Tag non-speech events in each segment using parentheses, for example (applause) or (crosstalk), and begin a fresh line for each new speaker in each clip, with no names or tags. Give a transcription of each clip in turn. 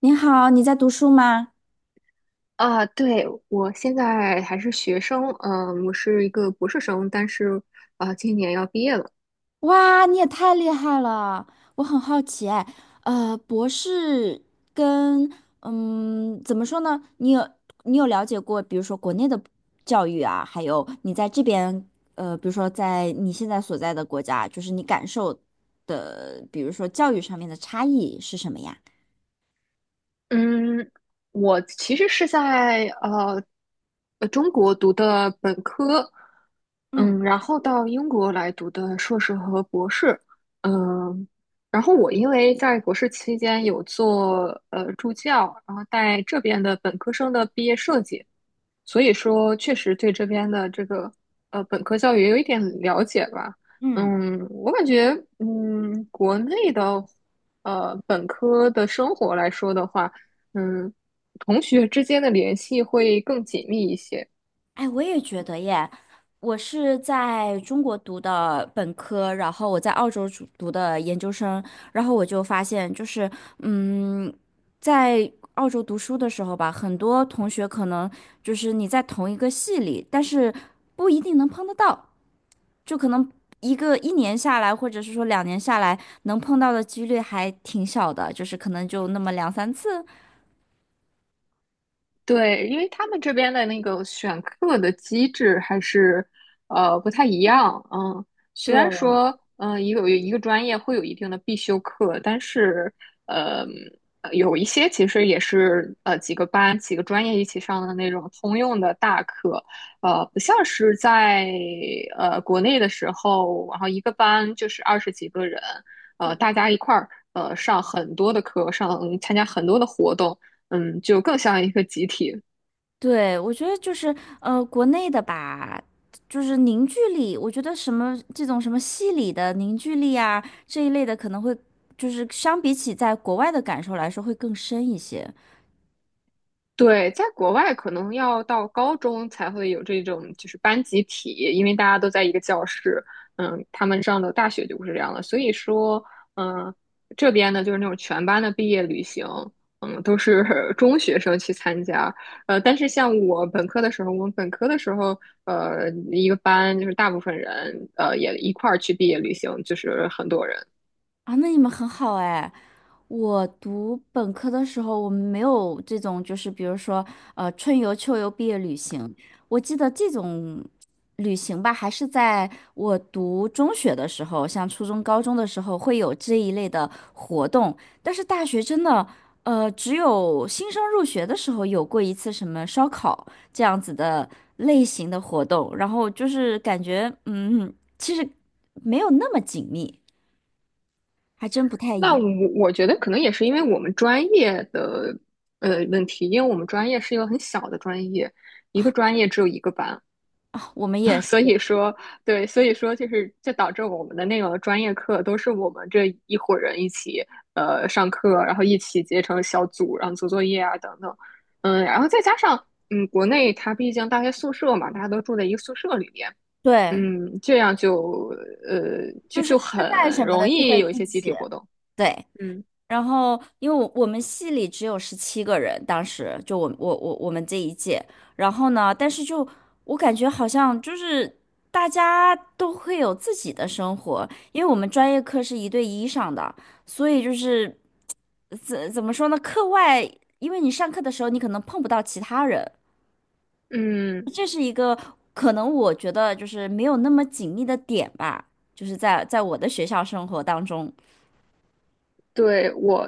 你好，你在读书吗？
啊，对，我现在还是学生，嗯，我是一个博士生，但是啊，今年要毕业了。
哇，你也太厉害了！我很好奇，哎，博士跟怎么说呢？你有了解过，比如说国内的教育啊，还有你在这边，比如说在你现在所在的国家，就是你感受的，比如说教育上面的差异是什么呀？
嗯，我其实是在中国读的本科，
嗯
嗯，然后到英国来读的硕士和博士，嗯，然后我因为在博士期间有做助教，然后带这边的本科生的毕业设计，所以说确实对这边的这个本科教育也有一点了解吧。
嗯，
嗯，我感觉嗯国内的本科的生活来说的话。嗯，同学之间的联系会更紧密一些。
哎，我也觉得耶。我是在中国读的本科，然后我在澳洲读的研究生，然后我就发现，就是，嗯，在澳洲读书的时候吧，很多同学可能就是你在同一个系里，但是不一定能碰得到，就可能一年下来，或者是说2年下来，能碰到的几率还挺小的，就是可能就那么两三次。
对，因为他们这边的那个选课的机制还是不太一样，嗯，虽然
对。
说嗯一个一个专业会有一定的必修课，但是呃有一些其实也是几个班几个专业一起上的那种通用的大课，不像是在国内的时候，然后一个班就是20几个人，大家一块儿上很多的课，参加很多的活动。嗯，就更像一个集体。
对，我觉得就是国内的吧，就是凝聚力，我觉得什么这种什么戏里的凝聚力啊这一类的，可能会就是相比起在国外的感受来说会更深一些
对，在国外可能要到高中才会有这种就是班集体，因为大家都在一个教室。嗯，他们上的大学就不是这样的，所以说，嗯，这边呢就是那种全班的毕业旅行，嗯，都是 (laughs) 中学生去参加。呃，但是像我本科的时候，我们本科的时候，呃，一个班就是大部分人，呃，也一块儿去毕业旅行，就是很多人。
啊。那你们很好哎、我读本科的时候，我们没有这种，就是比如说，春游、秋游、毕业旅行。我记得这种旅行吧，还是在我读中学的时候，像初中、高中的时候会有这一类的活动。但是大学真的，只有新生入学的时候有过一次什么烧烤这样子的类型的活动，然后就是感觉，其实没有那么紧密，还真不太一
那我
样。
我觉得可能也是因为我们专业的问题，因为我们专业是一个很小的专业，一个专业只有一个班。
我们也
(laughs) 所以说，对，所以说就是导致我们的那个专业课都是我们这一伙人一起上课，然后一起结成小组，然后做作业啊等等。嗯，然后再加上嗯国内它毕竟大学宿舍嘛，大家都住在一个宿舍里面。
对。
嗯，这样就就
吃饭
很
什么
容
的就会
易有一
一
些集体
起。
活动。
对，
嗯。
然后因为我们系里只有17个人，当时就我们这一届，然后呢，但是就我感觉好像就是大家都会有自己的生活，因为我们专业课是一对一上的，所以就是怎么说呢，课外因为你上课的时候你可能碰不到其他人，
嗯，
这是一个可能我觉得就是没有那么紧密的点吧，就是在我的学校生活当中。
对，我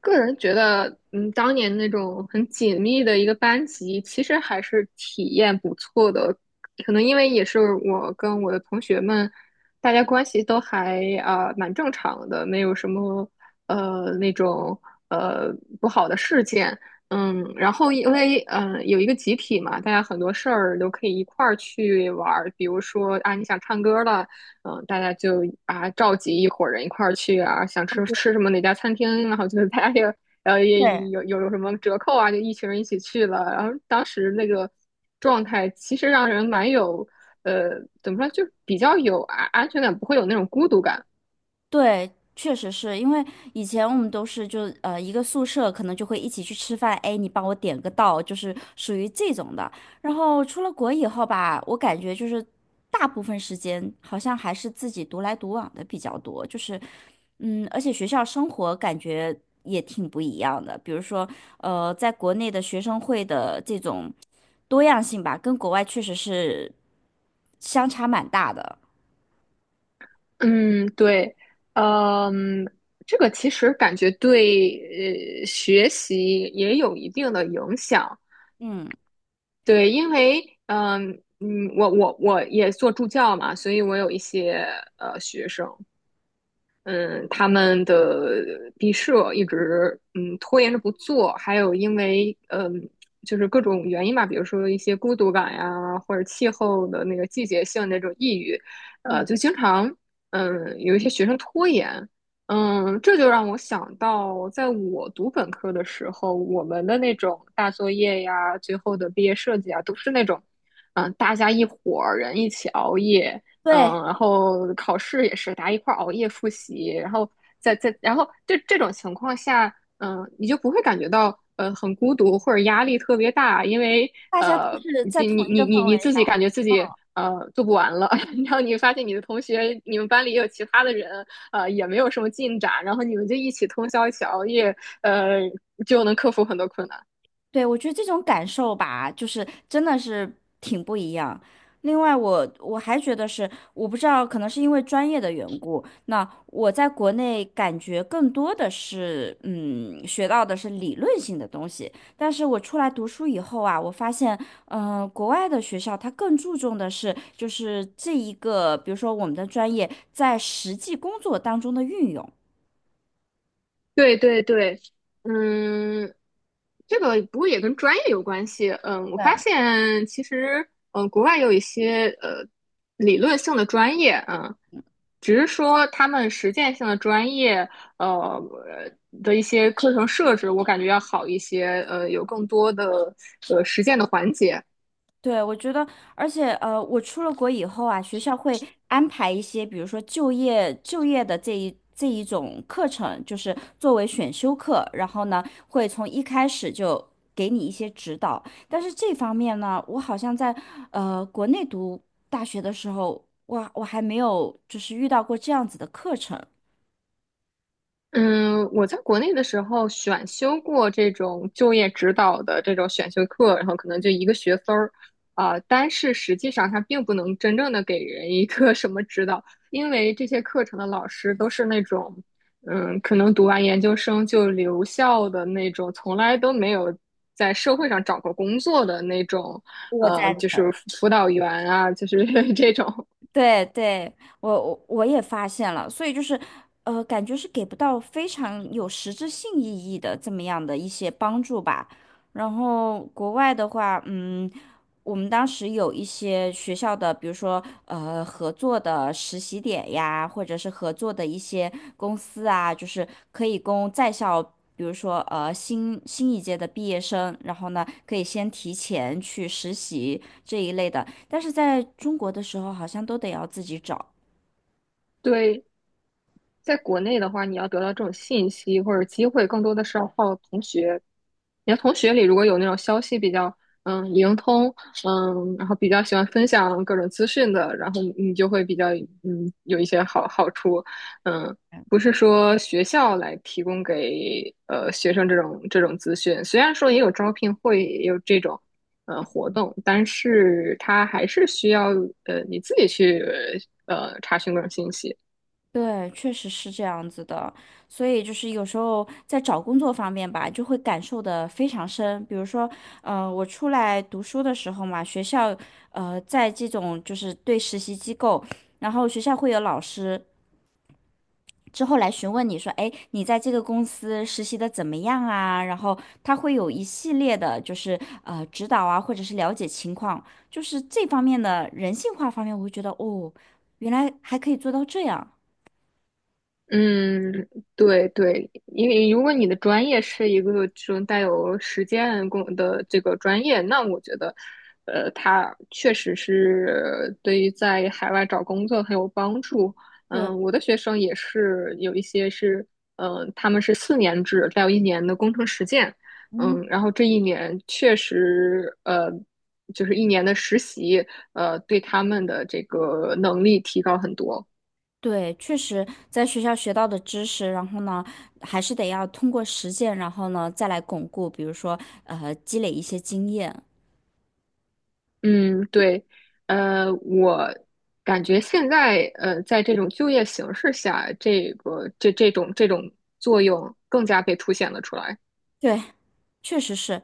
个人觉得，嗯，当年那种很紧密的一个班级，其实还是体验不错的。可能因为也是我跟我的同学们，大家关系都还啊、蛮正常的，没有什么那种呃不好的事件。嗯，然后因为嗯、有一个集体嘛，大家很多事儿都可以一块儿去玩儿，比如说啊你想唱歌了。嗯，大家就啊召集一伙人一块儿去啊，想吃什么哪家餐厅，然后就是大家也
对，
有什么折扣啊，就一群人一起去了。然后当时那个状态其实让人蛮有呃怎么说，就比较有安全感，不会有那种孤独感。
对，确实是因为以前我们都是就一个宿舍，可能就会一起去吃饭，哎，你帮我点个到，就是属于这种的。然后出了国以后吧，我感觉就是大部分时间好像还是自己独来独往的比较多，就是而且学校生活感觉也挺不一样的。比如说在国内的学生会的这种多样性吧，跟国外确实是相差蛮大的。
嗯，对，嗯，这个其实感觉对学习也有一定的影响。
嗯
对，因为嗯嗯，我也做助教嘛，所以我有一些学生，嗯，他们的毕设一直嗯拖延着不做，还有因为嗯就是各种原因吧，比如说一些孤独感呀，或者气候的那个季节性的那种抑郁，呃，
嗯，
就经常嗯有一些学生拖延。嗯，这就让我想到，在我读本科的时候，我们的那种大作业呀，最后的毕业设计啊，都是那种嗯大家一伙儿人一起熬夜。
对。
嗯，然后考试也是大家一块儿熬夜复习，然后然后这种情况下，嗯，你就不会感觉到很孤独或者压力特别大，因为
大家都是在同一个氛
你
围
自己
下，
感觉自己做不完了，(laughs) 然后你发现你的同学，你们班里也有其他的人，也没有什么进展，然后你们就一起通宵一起熬夜，呃就能克服很多困难。
对，我觉得这种感受吧，就是真的是挺不一样。另外我还觉得是，我不知道，可能是因为专业的缘故，那我在国内感觉更多的是，学到的是理论性的东西。但是我出来读书以后啊，我发现，国外的学校它更注重的是，就是这一个，比如说我们的专业在实际工作当中的运用。
对对对，嗯，这个不过也跟专业有关系。嗯，我
对。
发现其实，嗯，国外有一些理论性的专业，嗯，只是说他们实践性的专业，呃的一些课程设置，我感觉要好一些，呃，有更多的实践的环节。
对，我觉得，而且我出了国以后啊，学校会安排一些，比如说就业的这一种课程，就是作为选修课，然后呢，会从一开始就给你一些指导。但是这方面呢，我好像在国内读大学的时候，我还没有就是遇到过这样子的课程。
嗯，我在国内的时候选修过这种就业指导的这种选修课，然后可能就一个学分儿。啊、但是实际上它并不能真正的给人一个 (laughs) 什么指导，因为这些课程的老师都是那种，嗯，可能读完研究生就留校的那种，从来都没有在社会上找过工作的那种，
我
呃，
赞
就
成。
是辅导员啊，就是 (laughs) 这种。
对对，我也发现了，所以就是，感觉是给不到非常有实质性意义的这么样的一些帮助吧。然后国外的话，我们当时有一些学校的，比如说合作的实习点呀，或者是合作的一些公司啊，就是可以供在校。比如说新一届的毕业生，然后呢可以先提前去实习这一类的，但是在中国的时候好像都得要自己找。
对，在国内的话，你要得到这种信息或者机会，更多的是要靠同学。你的同学里如果有那种消息比较嗯灵通，嗯，然后比较喜欢分享各种资讯的，然后就会比较嗯有一些好处。嗯，不是说学校来提供给学生这种资讯，虽然说也有招聘会，也有这种活动，但是它还是需要你自己去查询各种信息。
对，确实是这样子的，所以就是有时候在找工作方面吧，就会感受的非常深。比如说，我出来读书的时候嘛，学校，在这种就是对实习机构，然后学校会有老师，之后来询问你说，哎，你在这个公司实习的怎么样啊？然后他会有一系列的，就是指导啊，或者是了解情况，就是这方面的人性化方面，我会觉得哦，原来还可以做到这样。
嗯，对对，因为如果你的专业是一个这种带有实践工的这个专业，那我觉得，呃，它确实是对于在海外找工作很有帮助。
对，
嗯，我的学生也是有一些是，嗯、他们是4年制，再有1年的工程实践。
嗯，
嗯，然后这1年确实，呃，就是1年的实习，呃，对他们的这个能力提高很多。
对，确实在学校学到的知识，然后呢，还是得要通过实践，然后呢再来巩固，比如说积累一些经验。
嗯，对，呃，我感觉现在呃，在这种就业形势下，这种作用更加被凸显了出来。
对，确实是，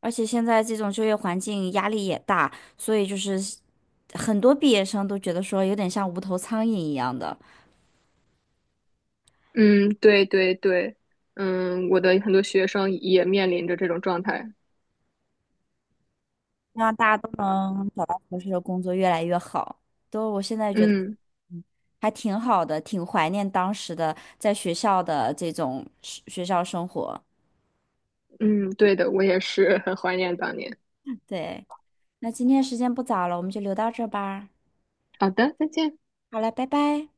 而且现在这种就业环境压力也大，所以就是很多毕业生都觉得说有点像无头苍蝇一样的，
嗯，对对对，嗯，我的很多学生也面临着这种状态。
希望大家都能找到合适的工作，越来越好。都我现在觉得，
嗯
嗯还挺好的，挺怀念当时的在学校的这种是学校生活。
嗯，对的，我也是很怀念当年。
对，那今天时间不早了，我们就留到这儿吧。
好的，再见。
好了，拜拜。